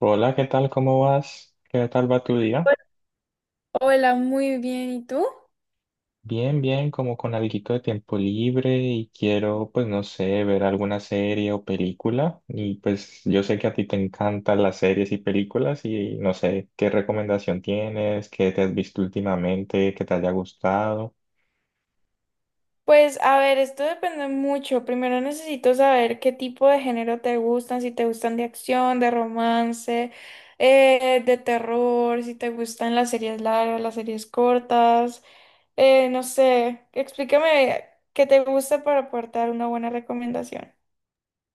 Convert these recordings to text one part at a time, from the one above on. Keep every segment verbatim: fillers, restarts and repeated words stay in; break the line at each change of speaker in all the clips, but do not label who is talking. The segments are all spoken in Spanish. Hola, ¿qué tal? ¿Cómo vas? ¿Qué tal va tu día?
Hola, muy bien. ¿Y tú?
Bien, bien, como con alguito de tiempo libre y quiero, pues no sé, ver alguna serie o película. Y pues yo sé que a ti te encantan las series y películas y no sé qué recomendación tienes, qué te has visto últimamente, que te haya gustado.
Pues a ver, esto depende mucho. Primero necesito saber qué tipo de género te gustan, si te gustan de acción, de romance, eh, de terror, si te gustan las series largas, las series cortas, eh, no sé, explícame qué te gusta para aportar una buena recomendación.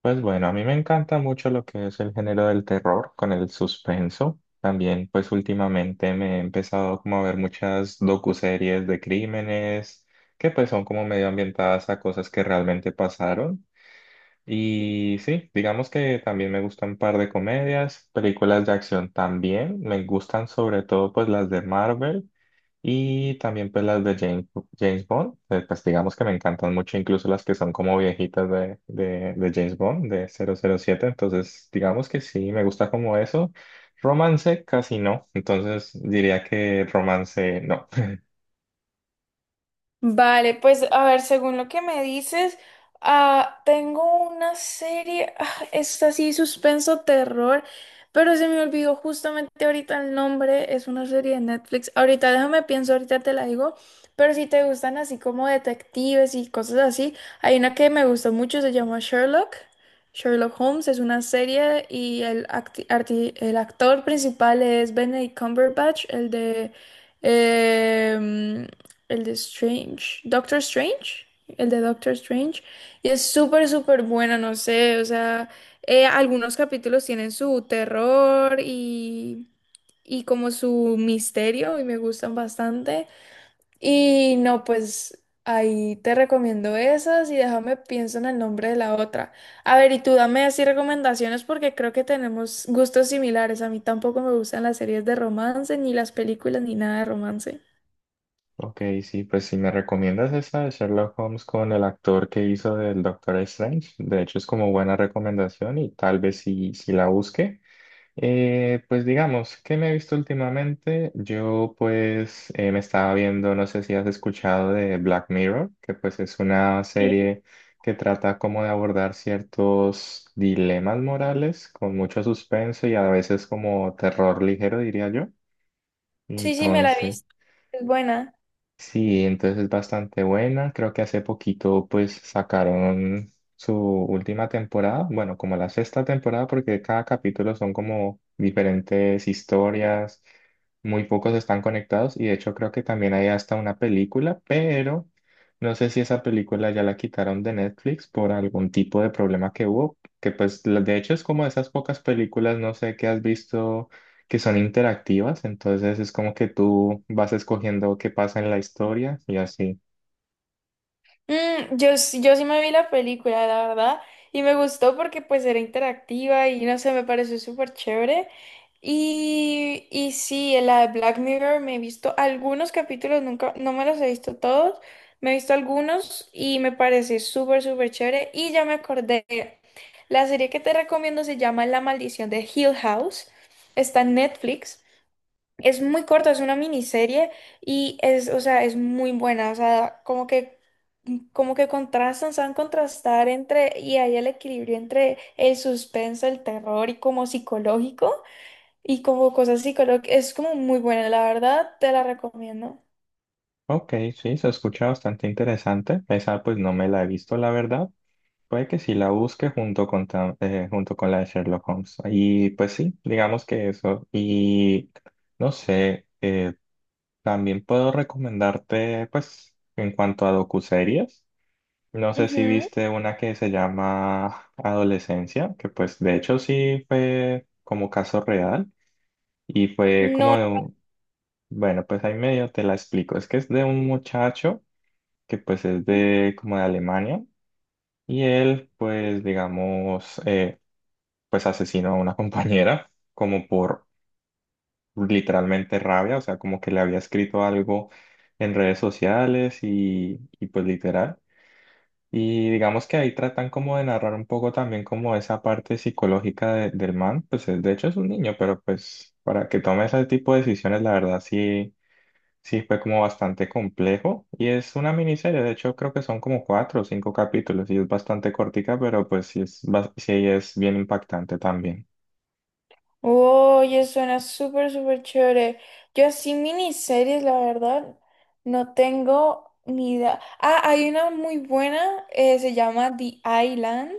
Pues bueno, a mí me encanta mucho lo que es el género del terror con el suspenso. También, pues últimamente me he empezado como a ver muchas docuseries de crímenes que pues son como medio ambientadas a cosas que realmente pasaron. Y sí, digamos que también me gustan un par de comedias, películas de acción también. Me gustan sobre todo pues las de Marvel. Y también pues las de James, James Bond, eh, pues digamos que me encantan mucho, incluso las que son como viejitas de, de, de James Bond, de cero cero siete, entonces digamos que sí, me gusta como eso. Romance casi no, entonces diría que romance no.
Vale, pues a ver, según lo que me dices, ah, tengo una serie, ah, es así suspenso terror, pero se me olvidó justamente ahorita el nombre, es una serie de Netflix. Ahorita déjame pienso, ahorita te la digo, pero si te gustan así como detectives y cosas así, hay una que me gustó mucho, se llama Sherlock. Sherlock Holmes es una serie y el, acti- arti- el actor principal es Benedict Cumberbatch, el de... em, el de Strange. Doctor Strange. El de Doctor Strange. Y es súper, súper buena, no sé. O sea, eh, algunos capítulos tienen su terror y, y como su misterio y me gustan bastante. Y no, pues ahí te recomiendo esas y déjame pienso en el nombre de la otra. A ver, y tú dame así recomendaciones porque creo que tenemos gustos similares. A mí tampoco me gustan las series de romance, ni las películas, ni nada de romance.
Ok, sí, pues si me recomiendas esa de Sherlock Holmes con el actor que hizo del Doctor Strange, de hecho es como buena recomendación y tal vez si, si la busque. Eh, pues digamos, ¿qué me he visto últimamente? Yo pues eh, me estaba viendo, no sé si has escuchado de Black Mirror, que pues es una
Sí,
serie que trata como de abordar ciertos dilemas morales con mucho suspenso y a veces como terror ligero, diría yo.
sí, sí, me la he
Entonces...
visto. Es buena.
Sí, entonces es bastante buena. Creo que hace poquito pues sacaron su última temporada, bueno, como la sexta temporada, porque cada capítulo son como diferentes historias, muy pocos están conectados y de hecho creo que también hay hasta una película, pero no sé si esa película ya la quitaron de Netflix por algún tipo de problema que hubo, que pues la- de hecho es como esas pocas películas, no sé qué has visto que son interactivas, entonces es como que tú vas escogiendo qué pasa en la historia y así.
Mm, yo, sí- yo sí me vi la película, la verdad, y me gustó porque pues era interactiva y no sé, me pareció súper chévere. Y, y sí, en la de Black Mirror me he visto algunos capítulos, nunca, no me los he visto todos, me he visto algunos y me parece súper, súper chévere. Y ya me acordé, la serie que te recomiendo se llama La Maldición de Hill House, está en Netflix. Es muy corta, es una miniserie y es, o sea, es muy buena, o sea, como que, como que contrastan, saben contrastar entre, y hay el equilibrio entre el suspenso, el terror y como psicológico, y como cosas psicológicas, es como muy buena, la verdad, te la recomiendo.
Ok, sí, se escucha bastante interesante. Esa pues no me la he visto, la verdad. Puede que sí la busque junto con, ta- eh, junto con la de Sherlock Holmes. Y pues sí, digamos que eso. Y no sé, eh, también puedo recomendarte pues en cuanto a docuseries. No sé si
Ujú.
viste una que se llama Adolescencia, que pues de hecho sí fue como caso real. Y fue
No,
como de un, bueno, pues ahí medio te la explico. Es que es de un muchacho que pues es de como de Alemania y él pues digamos eh, pues asesinó a una compañera como por literalmente rabia, o sea, como que le había escrito algo en redes sociales y, y pues literal. Y digamos que ahí tratan como de narrar un poco también como esa parte psicológica de- del man, pues es- de hecho es un niño, pero pues para que tome ese tipo de decisiones, la verdad sí. Sí, fue como bastante complejo y es una miniserie, de hecho creo que son como cuatro o cinco capítulos y es bastante cortica, pero pues sí es, bas- sí es bien impactante también.
oye, suena súper, súper chévere. Yo así miniseries, la verdad, no tengo ni idea. Ah, hay una muy buena, eh, se llama The Island.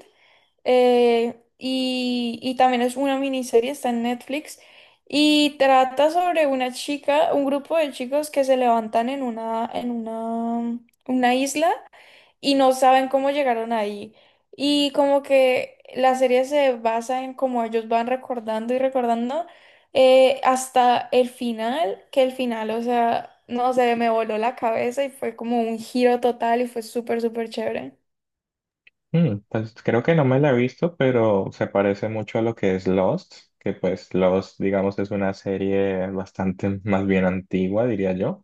eh, y, y también es una miniserie, está en Netflix, y trata sobre una chica, un grupo de chicos que se levantan en una, en una, una isla y no saben cómo llegaron ahí. Y como que la serie se basa en cómo ellos van recordando y recordando eh, hasta el final, que el final, o sea, no sé, me voló la cabeza y fue como un giro total y fue súper, súper chévere.
Mm, pues creo que no me la he visto, pero se parece mucho a lo que es Lost, que pues Lost, digamos, es una serie bastante más bien antigua, diría yo.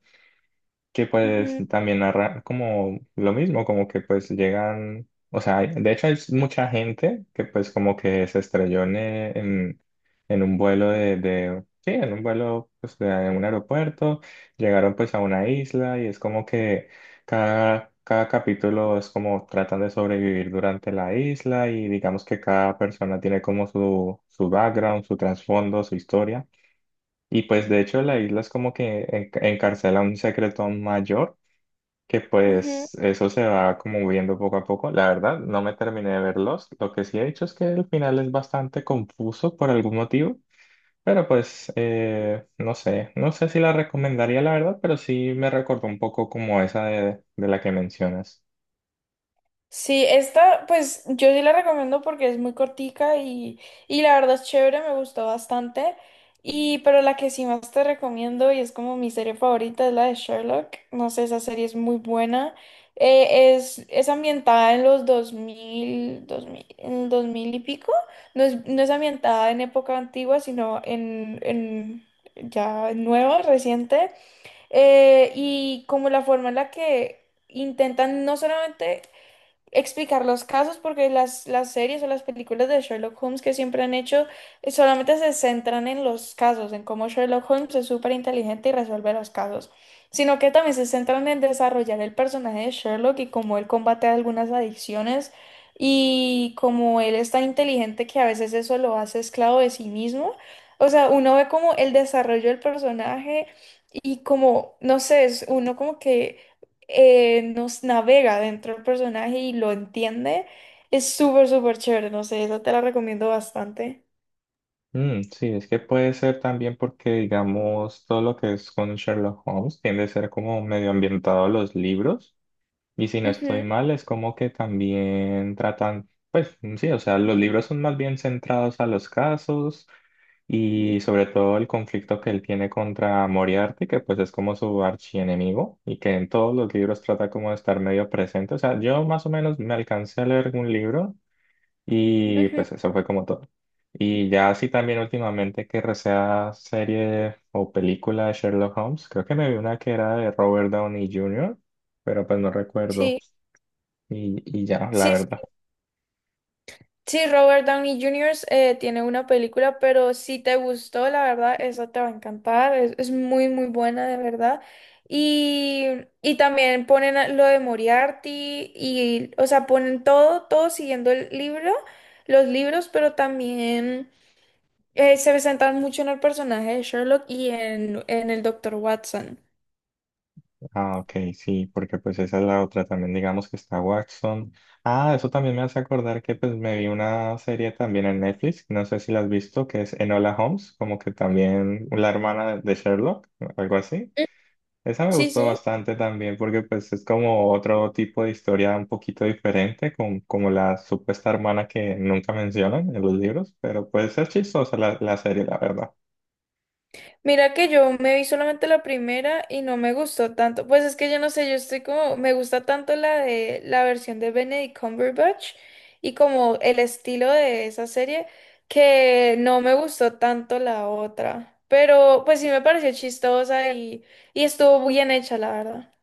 Que pues
Ujú,
también narra como lo mismo, como que pues llegan, o sea, hay- de hecho hay mucha gente que pues como que se estrelló en, eh, en, en un vuelo de, de, sí, en un vuelo pues de un aeropuerto, llegaron pues a una isla y es como que cada, cada capítulo es como tratan de sobrevivir durante la isla y digamos que cada persona tiene como su, su background, su trasfondo, su historia. Y pues de hecho la isla es como que en- encarcela un secreto mayor que
ujú.
pues eso se va como viendo poco a poco. La verdad, no me terminé de verlos. Lo que sí he hecho es que el final es bastante confuso por algún motivo, pero pues eh, no sé, no sé si la recomendaría la verdad, pero sí me recordó un poco como esa de, de la que mencionas.
Sí, esta pues yo sí la recomiendo porque es muy cortica y, y la verdad es chévere, me gustó bastante. Y pero la que sí más te recomiendo y es como mi serie favorita es la de Sherlock. No sé, esa serie es muy buena. Eh, es, es ambientada en los dos mil dos mil, en dos mil y pico. No es, no es ambientada en época antigua, sino en, en ya nueva, reciente. Eh, y como la forma en la que intentan no solamente explicar los casos porque las, las series o las películas de Sherlock Holmes que siempre han hecho eh, solamente se centran en los casos, en cómo Sherlock Holmes es súper inteligente y resuelve los casos, sino que también se centran en desarrollar el personaje de Sherlock y cómo él combate algunas adicciones y cómo él es tan inteligente que a veces eso lo hace esclavo de sí mismo. O sea, uno ve como el desarrollo del personaje y como, no sé, es uno como que eh, nos navega dentro del personaje y lo entiende, es súper, súper chévere. No sé, esa te la recomiendo bastante.
Mm, sí, es que puede ser también porque, digamos, todo lo que es con Sherlock Holmes tiende a ser como medio ambientado a los libros. Y si no estoy
Ujú,
mal, es como que también tratan, pues sí, o sea, los libros son más bien centrados a los casos y sobre todo el conflicto que él tiene contra Moriarty, que pues es como su archienemigo y que en todos los libros trata como de estar medio presente. O sea, yo más o menos me alcancé a leer un libro y
ujú.
pues eso fue como todo. Y ya así también últimamente que recea serie o película de Sherlock Holmes, creo que me vi una que era de Robert Downey junior, pero pues no recuerdo.
Sí,
Y, y ya, la
sí, sí,
verdad.
sí, Robert Downey Junior eh, tiene una película, pero si te gustó, la verdad, esa te va a encantar. Es, es muy, muy buena, de verdad. Y, y también ponen a- lo de Moriarty y, o sea, ponen todo, todo siguiendo el libro, los libros, pero también... Eh, se presentan mucho en el personaje de Sherlock y en, en el Doctor Watson.
Ah, ok, sí, porque pues esa es la otra. También digamos que está Watson. Ah, eso también me hace acordar que pues me vi una serie también en Netflix, no sé si la has visto, que es Enola Holmes, como que también la hermana de de Sherlock, algo así.
Mm.
Esa me
Sí,
gustó
sí.
bastante también porque pues es como otro tipo de historia un poquito diferente, con, como la supuesta hermana que nunca mencionan en los libros, pero pues es chistosa la, la serie, la verdad.
Mira que yo me vi solamente la primera y no me gustó tanto. Pues es que yo no sé, yo estoy como, me gusta tanto la de la versión de Benedict Cumberbatch y como el estilo de esa serie que no me gustó tanto la otra. Pero pues sí me pareció chistosa y, y estuvo bien hecha, la verdad.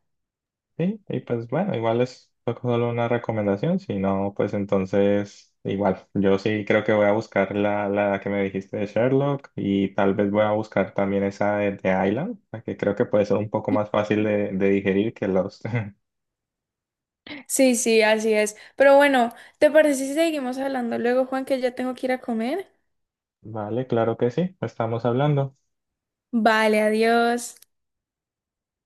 Sí, y pues bueno, igual es solo una recomendación, si no, pues entonces igual, yo sí creo que voy a buscar la, la que me dijiste de Sherlock y tal vez voy a buscar también esa de, de Island, la que creo que puede ser un poco más fácil de, de digerir que Lost.
Sí, sí, así es. Pero bueno, ¿te parece si seguimos hablando luego, Juan, que ya tengo que ir a comer?
Vale, claro que sí, estamos hablando.
Vale, adiós.